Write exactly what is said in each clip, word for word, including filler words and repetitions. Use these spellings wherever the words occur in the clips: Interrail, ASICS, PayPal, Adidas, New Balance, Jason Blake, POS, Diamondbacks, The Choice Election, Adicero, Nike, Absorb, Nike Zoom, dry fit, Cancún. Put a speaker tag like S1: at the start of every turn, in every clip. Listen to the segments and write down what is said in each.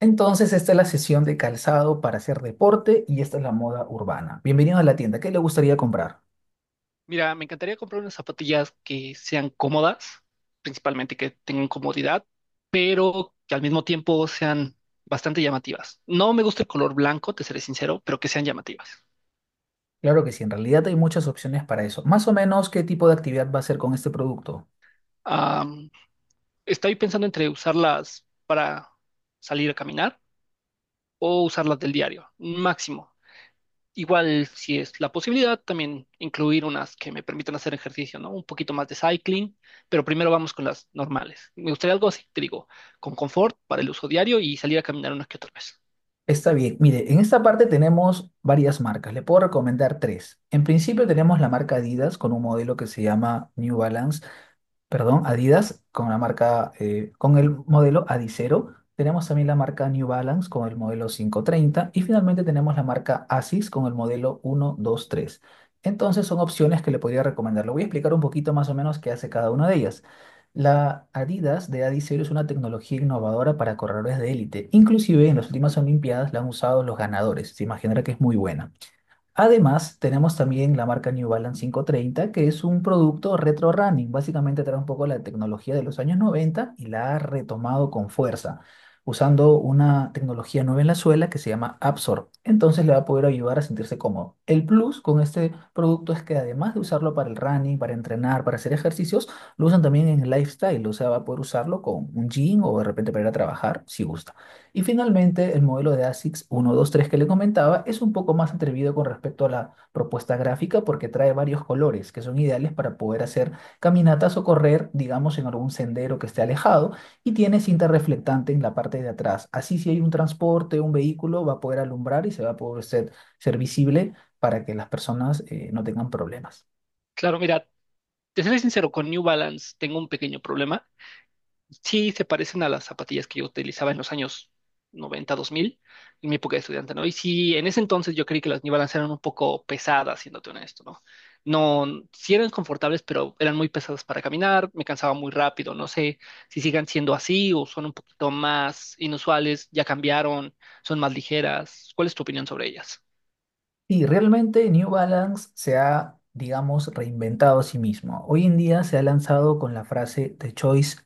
S1: Entonces, esta es la sesión de calzado para hacer deporte y esta es la moda urbana. Bienvenidos a la tienda. ¿Qué le gustaría comprar?
S2: Mira, me encantaría comprar unas zapatillas que sean cómodas, principalmente que tengan comodidad, pero que al mismo tiempo sean bastante llamativas. No me gusta el color blanco, te seré sincero, pero que sean llamativas.
S1: Claro que sí, en realidad hay muchas opciones para eso. Más o menos, ¿qué tipo de actividad va a hacer con este producto?
S2: Am, Estoy pensando entre usarlas para salir a caminar o usarlas del diario, máximo. Igual, si es la posibilidad, también incluir unas que me permitan hacer ejercicio, ¿no? Un poquito más de cycling, pero primero vamos con las normales. Me gustaría algo así, te digo, con confort para el uso diario y salir a caminar unas que otra vez.
S1: Está bien. Mire, en esta parte tenemos varias marcas. Le puedo recomendar tres. En principio tenemos la marca Adidas con un modelo que se llama New Balance. perdón, Adidas con la marca, eh, con el modelo Adicero. Tenemos también la marca New Balance con el modelo quinientos treinta y finalmente tenemos la marca ASICS con el modelo uno dos tres. Entonces son opciones que le podría recomendar. Le voy a explicar un poquito más o menos qué hace cada una de ellas. La Adidas de Adicero es una tecnología innovadora para corredores de élite. Inclusive en las últimas Olimpiadas la han usado los ganadores. Se imaginará que es muy buena. Además, tenemos también la marca New Balance quinientos treinta que es un producto retro running. Básicamente trae un poco la tecnología de los años noventa y la ha retomado con fuerza, usando una tecnología nueva en la suela que se llama Absorb. Entonces le va a poder ayudar a sentirse cómodo. El plus con este producto es que además de usarlo para el running, para entrenar, para hacer ejercicios, lo usan también en el lifestyle. O sea, va a poder usarlo con un jean o de repente para ir a trabajar si gusta. Y finalmente, el modelo de ASICS uno dos tres que le comentaba es un poco más atrevido con respecto a la propuesta gráfica porque trae varios colores que son ideales para poder hacer caminatas o correr, digamos, en algún sendero que esté alejado y tiene cinta reflectante en la parte de atrás. Así si hay un transporte, un vehículo, va a poder alumbrar y se va a poder ser, ser visible para que las personas eh, no tengan problemas.
S2: Claro, mira, te seré sincero, con New Balance tengo un pequeño problema. Sí se parecen a las zapatillas que yo utilizaba en los años noventa dos mil en mi época de estudiante, ¿no? Y sí, en ese entonces yo creí que las New Balance eran un poco pesadas, siéndote honesto, ¿no? No, sí eran confortables, pero eran muy pesadas para caminar, me cansaba muy rápido, no sé si sigan siendo así o son un poquito más inusuales, ya cambiaron, son más ligeras. ¿Cuál es tu opinión sobre ellas?
S1: Sí, realmente New Balance se ha, digamos, reinventado a sí mismo. Hoy en día se ha lanzado con la frase The Choice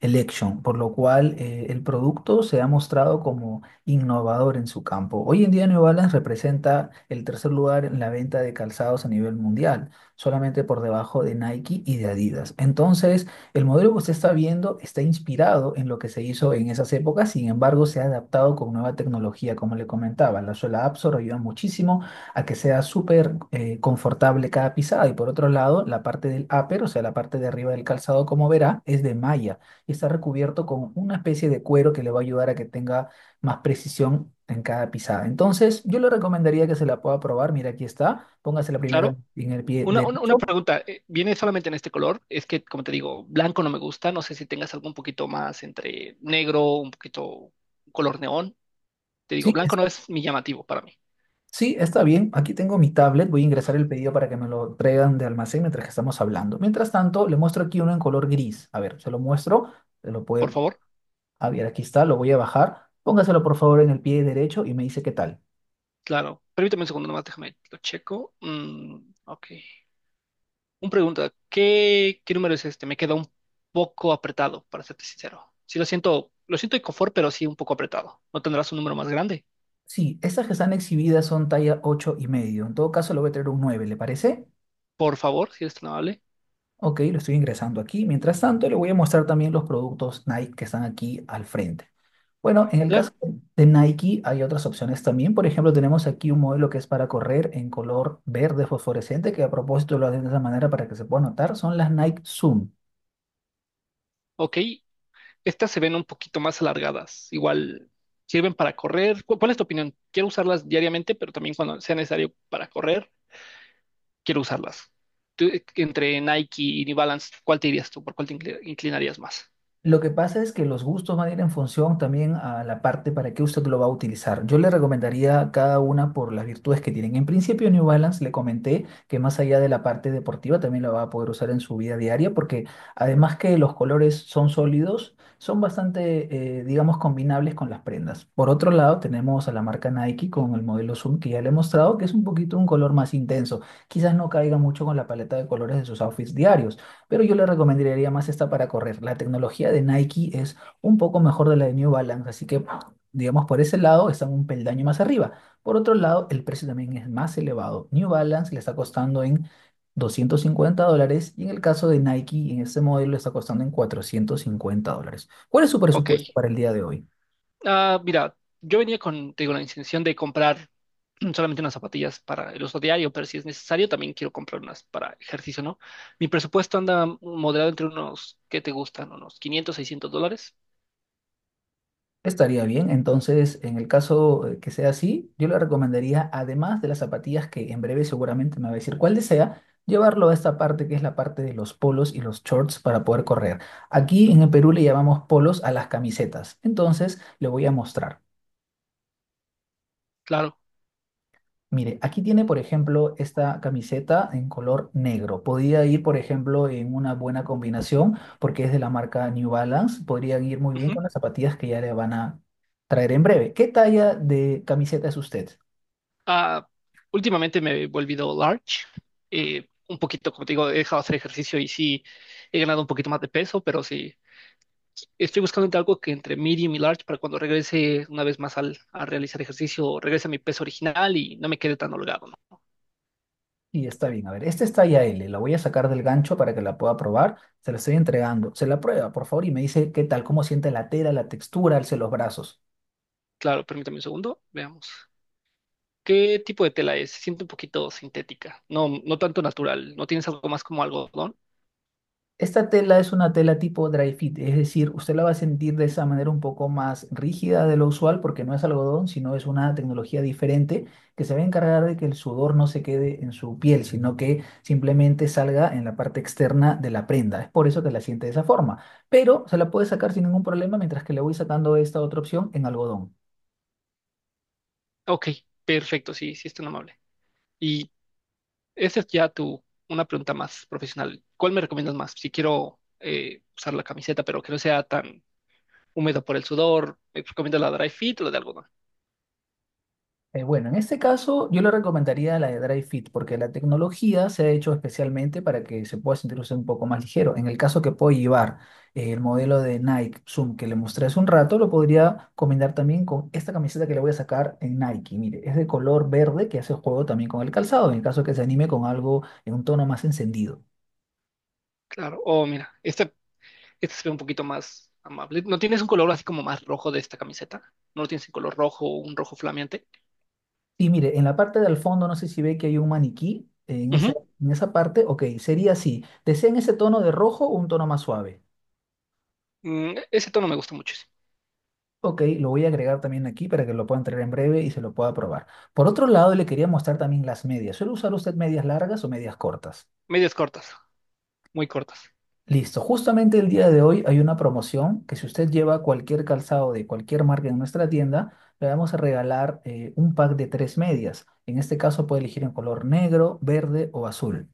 S1: Election, por lo cual eh, el producto se ha mostrado como innovador en su campo. Hoy en día New Balance representa el tercer lugar en la venta de calzados a nivel mundial, solamente por debajo de Nike y de Adidas. Entonces, el modelo que usted está viendo está inspirado en lo que se hizo en esas épocas, sin embargo, se ha adaptado con nueva tecnología, como le comentaba. La suela Absor ayuda muchísimo a que sea súper eh, confortable cada pisada. Y por otro lado, la parte del upper, o sea, la parte de arriba del calzado, como verá, es de malla y está recubierto con una especie de cuero que le va a ayudar a que tenga más precisión en cada pisada. Entonces, yo le recomendaría que se la pueda probar. Mira, aquí está. Póngasela primero
S2: Claro.
S1: en en el pie
S2: Una, una, una
S1: derecho.
S2: pregunta, eh, ¿viene solamente en este color? Es que, como te digo, blanco no me gusta, no sé si tengas algo un poquito más entre negro, un poquito color neón. Te digo,
S1: Sí,
S2: blanco no
S1: está,
S2: es mi llamativo para mí.
S1: sí, está bien. Aquí tengo mi tablet. Voy a ingresar el pedido para que me lo traigan de almacén mientras que estamos hablando. Mientras tanto, le muestro aquí uno en color gris. A ver, se lo muestro. Se lo
S2: Por
S1: puede
S2: favor,
S1: A ver, aquí está, lo voy a bajar. Póngaselo por favor en el pie derecho y me dice qué tal.
S2: claro. Permítame un segundo nomás, déjame, lo checo. Mm, ok. Un pregunta, ¿qué, qué número es este? Me queda un poco apretado, para serte sincero. Sí, lo siento, lo siento de confort, pero sí un poco apretado. ¿No tendrás un número más grande?
S1: Sí, estas que están exhibidas son talla ocho y medio. En todo caso, le voy a traer un nueve, ¿le parece?
S2: Por favor, si eres tan amable.
S1: Ok, lo estoy ingresando aquí. Mientras tanto, le voy a mostrar también los productos Nike que están aquí al frente. Bueno, en el caso
S2: Claro,
S1: de Nike hay otras opciones también. Por ejemplo, tenemos aquí un modelo que es para correr en color verde fosforescente, que a propósito lo hacen de esa manera para que se pueda notar. Son las Nike Zoom.
S2: ok. Estas se ven un poquito más alargadas. Igual sirven para correr. ¿Cu- ¿Cuál es tu opinión? Quiero usarlas diariamente, pero también cuando sea necesario para correr, quiero usarlas. Tú, eh, entre Nike y New Balance, ¿cuál te irías tú? ¿Por cuál te incli- inclinarías más?
S1: Lo que pasa es que los gustos van a ir en función también a la parte para qué usted lo va a utilizar. Yo le recomendaría cada una por las virtudes que tienen. En principio, New Balance le comenté que más allá de la parte deportiva también la va a poder usar en su vida diaria porque además que los colores son sólidos, son bastante, eh, digamos, combinables con las prendas. Por otro lado, tenemos a la marca Nike con el modelo Zoom que ya le he mostrado que es un poquito un color más intenso. Quizás no caiga mucho con la paleta de colores de sus outfits diarios, pero yo le recomendaría más esta para correr. La tecnología de Nike es un poco mejor de la de New Balance, así que, digamos, por ese lado están un peldaño más arriba. Por otro lado, el precio también es más elevado. New Balance le está costando en doscientos cincuenta dólares y en el caso de Nike, en este modelo, le está costando en cuatrocientos cincuenta dólares. ¿Cuál es su
S2: Ok.
S1: presupuesto para el día de hoy?
S2: Ah, mira, yo venía con, te digo, la intención de comprar solamente unas zapatillas para el uso diario, pero si es necesario, también quiero comprar unas para ejercicio, ¿no? Mi presupuesto anda moderado entre unos, ¿qué te gustan? Unos quinientos, seiscientos dólares.
S1: Estaría bien, entonces en el caso eh, que sea así, yo le recomendaría, además de las zapatillas que en breve seguramente me va a decir cuál desea, llevarlo a esta parte que es la parte de los polos y los shorts para poder correr. Aquí en el Perú le llamamos polos a las camisetas, entonces le voy a mostrar.
S2: Claro.
S1: Mire, aquí tiene, por ejemplo, esta camiseta en color negro. Podría ir, por ejemplo, en una buena combinación porque es de la marca New Balance. Podrían ir muy bien
S2: Ujú.
S1: con las zapatillas que ya le van a traer en breve. ¿Qué talla de camiseta es usted?
S2: Ah, últimamente me he volvido large. Eh, un poquito, como te digo, he dejado de hacer ejercicio y sí he ganado un poquito más de peso, pero sí estoy buscando entre algo que entre medium y large para cuando regrese una vez más al, a realizar ejercicio, regrese a mi peso original y no me quede tan holgado, ¿no?
S1: Y está bien, a ver, esta es talla L. La voy a sacar del gancho para que la pueda probar. Se la estoy entregando. Se la prueba, por favor, y me dice qué tal, cómo siente la tela, la textura, alce los brazos.
S2: Claro, permítame un segundo, veamos. ¿Qué tipo de tela es? Siento un poquito sintética, no, no tanto natural. ¿No tienes algo más como algodón?
S1: Esta tela es una tela tipo dry fit, es decir, usted la va a sentir de esa manera un poco más rígida de lo usual porque no es algodón, sino es una tecnología diferente que se va a encargar de que el sudor no se quede en su piel, sino que simplemente salga en la parte externa de la prenda. Es por eso que la siente de esa forma, pero se la puede sacar sin ningún problema mientras que le voy sacando esta otra opción en algodón.
S2: Ok, perfecto, sí, sí es tan amable. ¿Y Esa es ya tu, una pregunta más profesional. ¿Cuál me recomiendas más? Si quiero eh, usar la camiseta, pero que no sea tan húmedo por el sudor, ¿me recomiendas la dry fit o la de algodón?
S1: Eh, bueno, en este caso yo le recomendaría la de Dry Fit porque la tecnología se ha hecho especialmente para que se pueda sentir usted un poco más ligero. En el caso que pueda llevar eh, el modelo de Nike Zoom que le mostré hace un rato, lo podría combinar también con esta camiseta que le voy a sacar en Nike. Mire, es de color verde que hace juego también con el calzado, en el caso que se anime con algo en un tono más encendido.
S2: Claro. Oh, mira, esta, esta se ve un poquito más amable. ¿No tienes un color así como más rojo de esta camiseta? ¿No lo tienes en color rojo, un rojo flameante?
S1: Y mire, en la parte del fondo no sé si ve que hay un maniquí. Eh, En esa,
S2: Ujú.
S1: en esa parte, ok, sería así. ¿Desean ese tono de rojo o un tono más suave?
S2: Mm, ese tono me gusta muchísimo.
S1: Ok, lo voy a agregar también aquí para que lo puedan traer en breve y se lo pueda probar. Por otro lado, le quería mostrar también las medias. ¿Suele usar usted medias largas o medias cortas?
S2: Medias cortas, muy cortas.
S1: Listo, justamente el día de hoy hay una promoción que si usted lleva cualquier calzado de cualquier marca en nuestra tienda, le vamos a regalar eh, un pack de tres medias. En este caso puede elegir en color negro, verde o azul.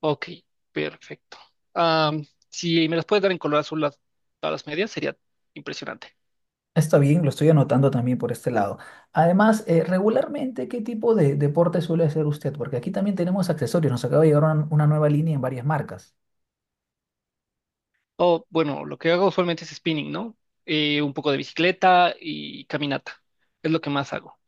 S2: Ok, perfecto. Ah, si me las puedes dar en color azul las, todas las medias, sería impresionante.
S1: Está bien, lo estoy anotando también por este lado. Además, eh, regularmente, ¿qué tipo de deporte suele hacer usted? Porque aquí también tenemos accesorios. Nos acaba de llegar una, una nueva línea en varias marcas.
S2: O bueno, lo que hago usualmente es spinning, ¿no? Eh, un poco de bicicleta y caminata. Es lo que más hago.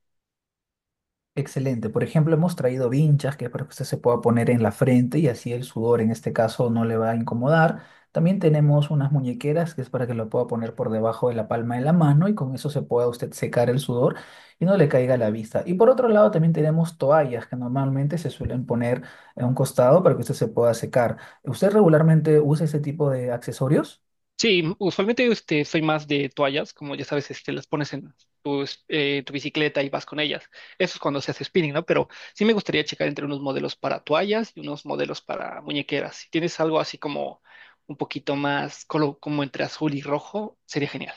S1: Excelente. Por ejemplo, hemos traído vinchas que es para que usted se pueda poner en la frente y así el sudor en este caso no le va a incomodar. También tenemos unas muñequeras que es para que lo pueda poner por debajo de la palma de la mano y con eso se pueda usted secar el sudor y no le caiga a la vista. Y por otro lado también tenemos toallas que normalmente se suelen poner en un costado para que usted se pueda secar. ¿Usted regularmente usa ese tipo de accesorios?
S2: Sí, usualmente este, soy más de toallas, como ya sabes, este, las pones en tu, es- eh, tu bicicleta y vas con ellas. Eso es cuando se hace spinning, ¿no? Pero sí me gustaría checar entre unos modelos para toallas y unos modelos para muñequeras. Si tienes algo así como un poquito más, colo- como entre azul y rojo, sería genial.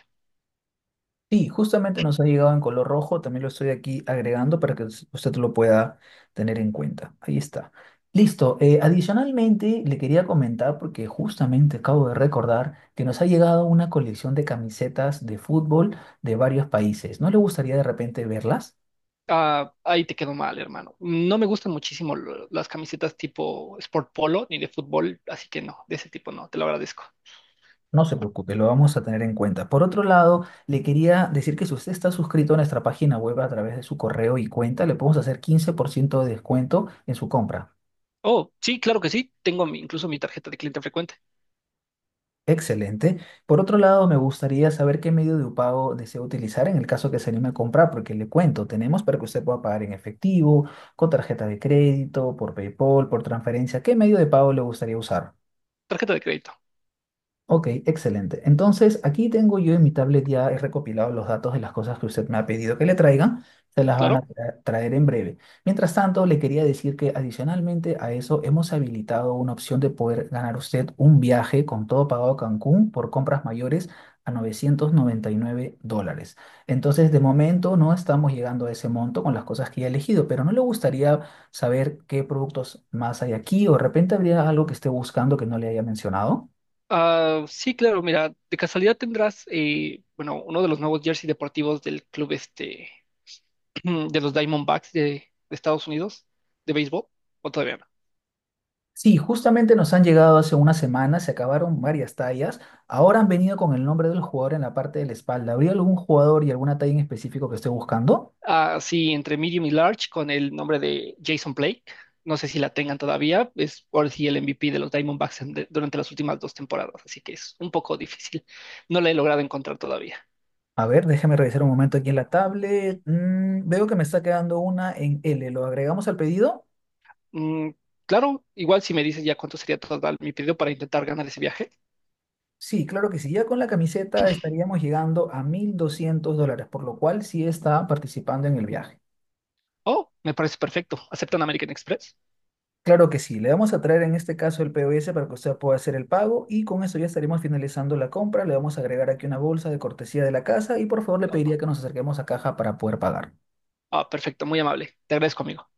S1: Sí, justamente nos ha llegado en color rojo, también lo estoy aquí agregando para que us- usted lo pueda tener en cuenta. Ahí está. Listo. Eh, adicionalmente, le quería comentar, porque justamente acabo de recordar que nos ha llegado una colección de camisetas de fútbol de varios países. ¿No le gustaría de repente verlas?
S2: Ah, ahí te quedó mal, hermano. No me gustan muchísimo lo- las camisetas tipo Sport Polo ni de fútbol, así que no, de ese tipo no, te lo agradezco.
S1: No se preocupe, lo vamos a tener en cuenta. Por otro lado, le quería decir que si usted está suscrito a nuestra página web a través de su correo y cuenta, le podemos hacer quince por ciento de descuento en su compra.
S2: Oh, sí, claro que sí, tengo mi- incluso mi tarjeta de cliente frecuente,
S1: Excelente. Por otro lado, me gustaría saber qué medio de pago desea utilizar en el caso que se anime a comprar, porque le cuento, tenemos para que usted pueda pagar en efectivo, con tarjeta de crédito, por PayPal, por transferencia. ¿Qué medio de pago le gustaría usar?
S2: tarjeta de crédito,
S1: Ok, excelente. Entonces, aquí tengo yo en mi tablet ya he recopilado los datos de las cosas que usted me ha pedido que le traiga. Se las van a
S2: claro.
S1: tra- traer en breve. Mientras tanto, le quería decir que adicionalmente a eso hemos habilitado una opción de poder ganar usted un viaje con todo pagado a Cancún por compras mayores a novecientos noventa y nueve dólares. Entonces, de momento no estamos llegando a ese monto con las cosas que ya he elegido, pero no le gustaría saber qué productos más hay aquí o de repente habría algo que esté buscando que no le haya mencionado.
S2: Ah, sí, claro, mira, de casualidad tendrás, eh, bueno, uno de los nuevos jersey deportivos del club este, de los Diamondbacks de, de, Estados Unidos, de béisbol, o todavía no.
S1: Sí, justamente nos han llegado hace una semana, se acabaron varias tallas. Ahora han venido con el nombre del jugador en la parte de la espalda. ¿Habría algún jugador y alguna talla en específico que esté buscando?
S2: Así entre medium y large con el nombre de Jason Blake. No sé si la tengan todavía, es por si el M V P de los Diamondbacks en- de- durante las últimas dos temporadas, así que es un poco difícil. No la he logrado encontrar todavía.
S1: A ver, déjeme revisar un momento aquí en la tablet. Mm, veo que me está quedando una en L. ¿Lo agregamos al pedido?
S2: Mm, claro, igual si me dices ya cuánto sería total mi pedido para intentar ganar ese viaje.
S1: Sí, claro que sí. Ya con la camiseta estaríamos llegando a mil doscientos dólares, por lo cual sí está participando en el viaje.
S2: Oh, me parece perfecto. ¿Aceptan American Express?
S1: Claro que sí, le vamos a traer en este caso el P O S para que usted pueda hacer el pago y con eso ya estaremos finalizando la compra. Le vamos a agregar aquí una bolsa de cortesía de la casa y por favor le pediría que nos acerquemos a caja para poder pagar.
S2: Ah, perfecto, muy amable. Te agradezco, amigo.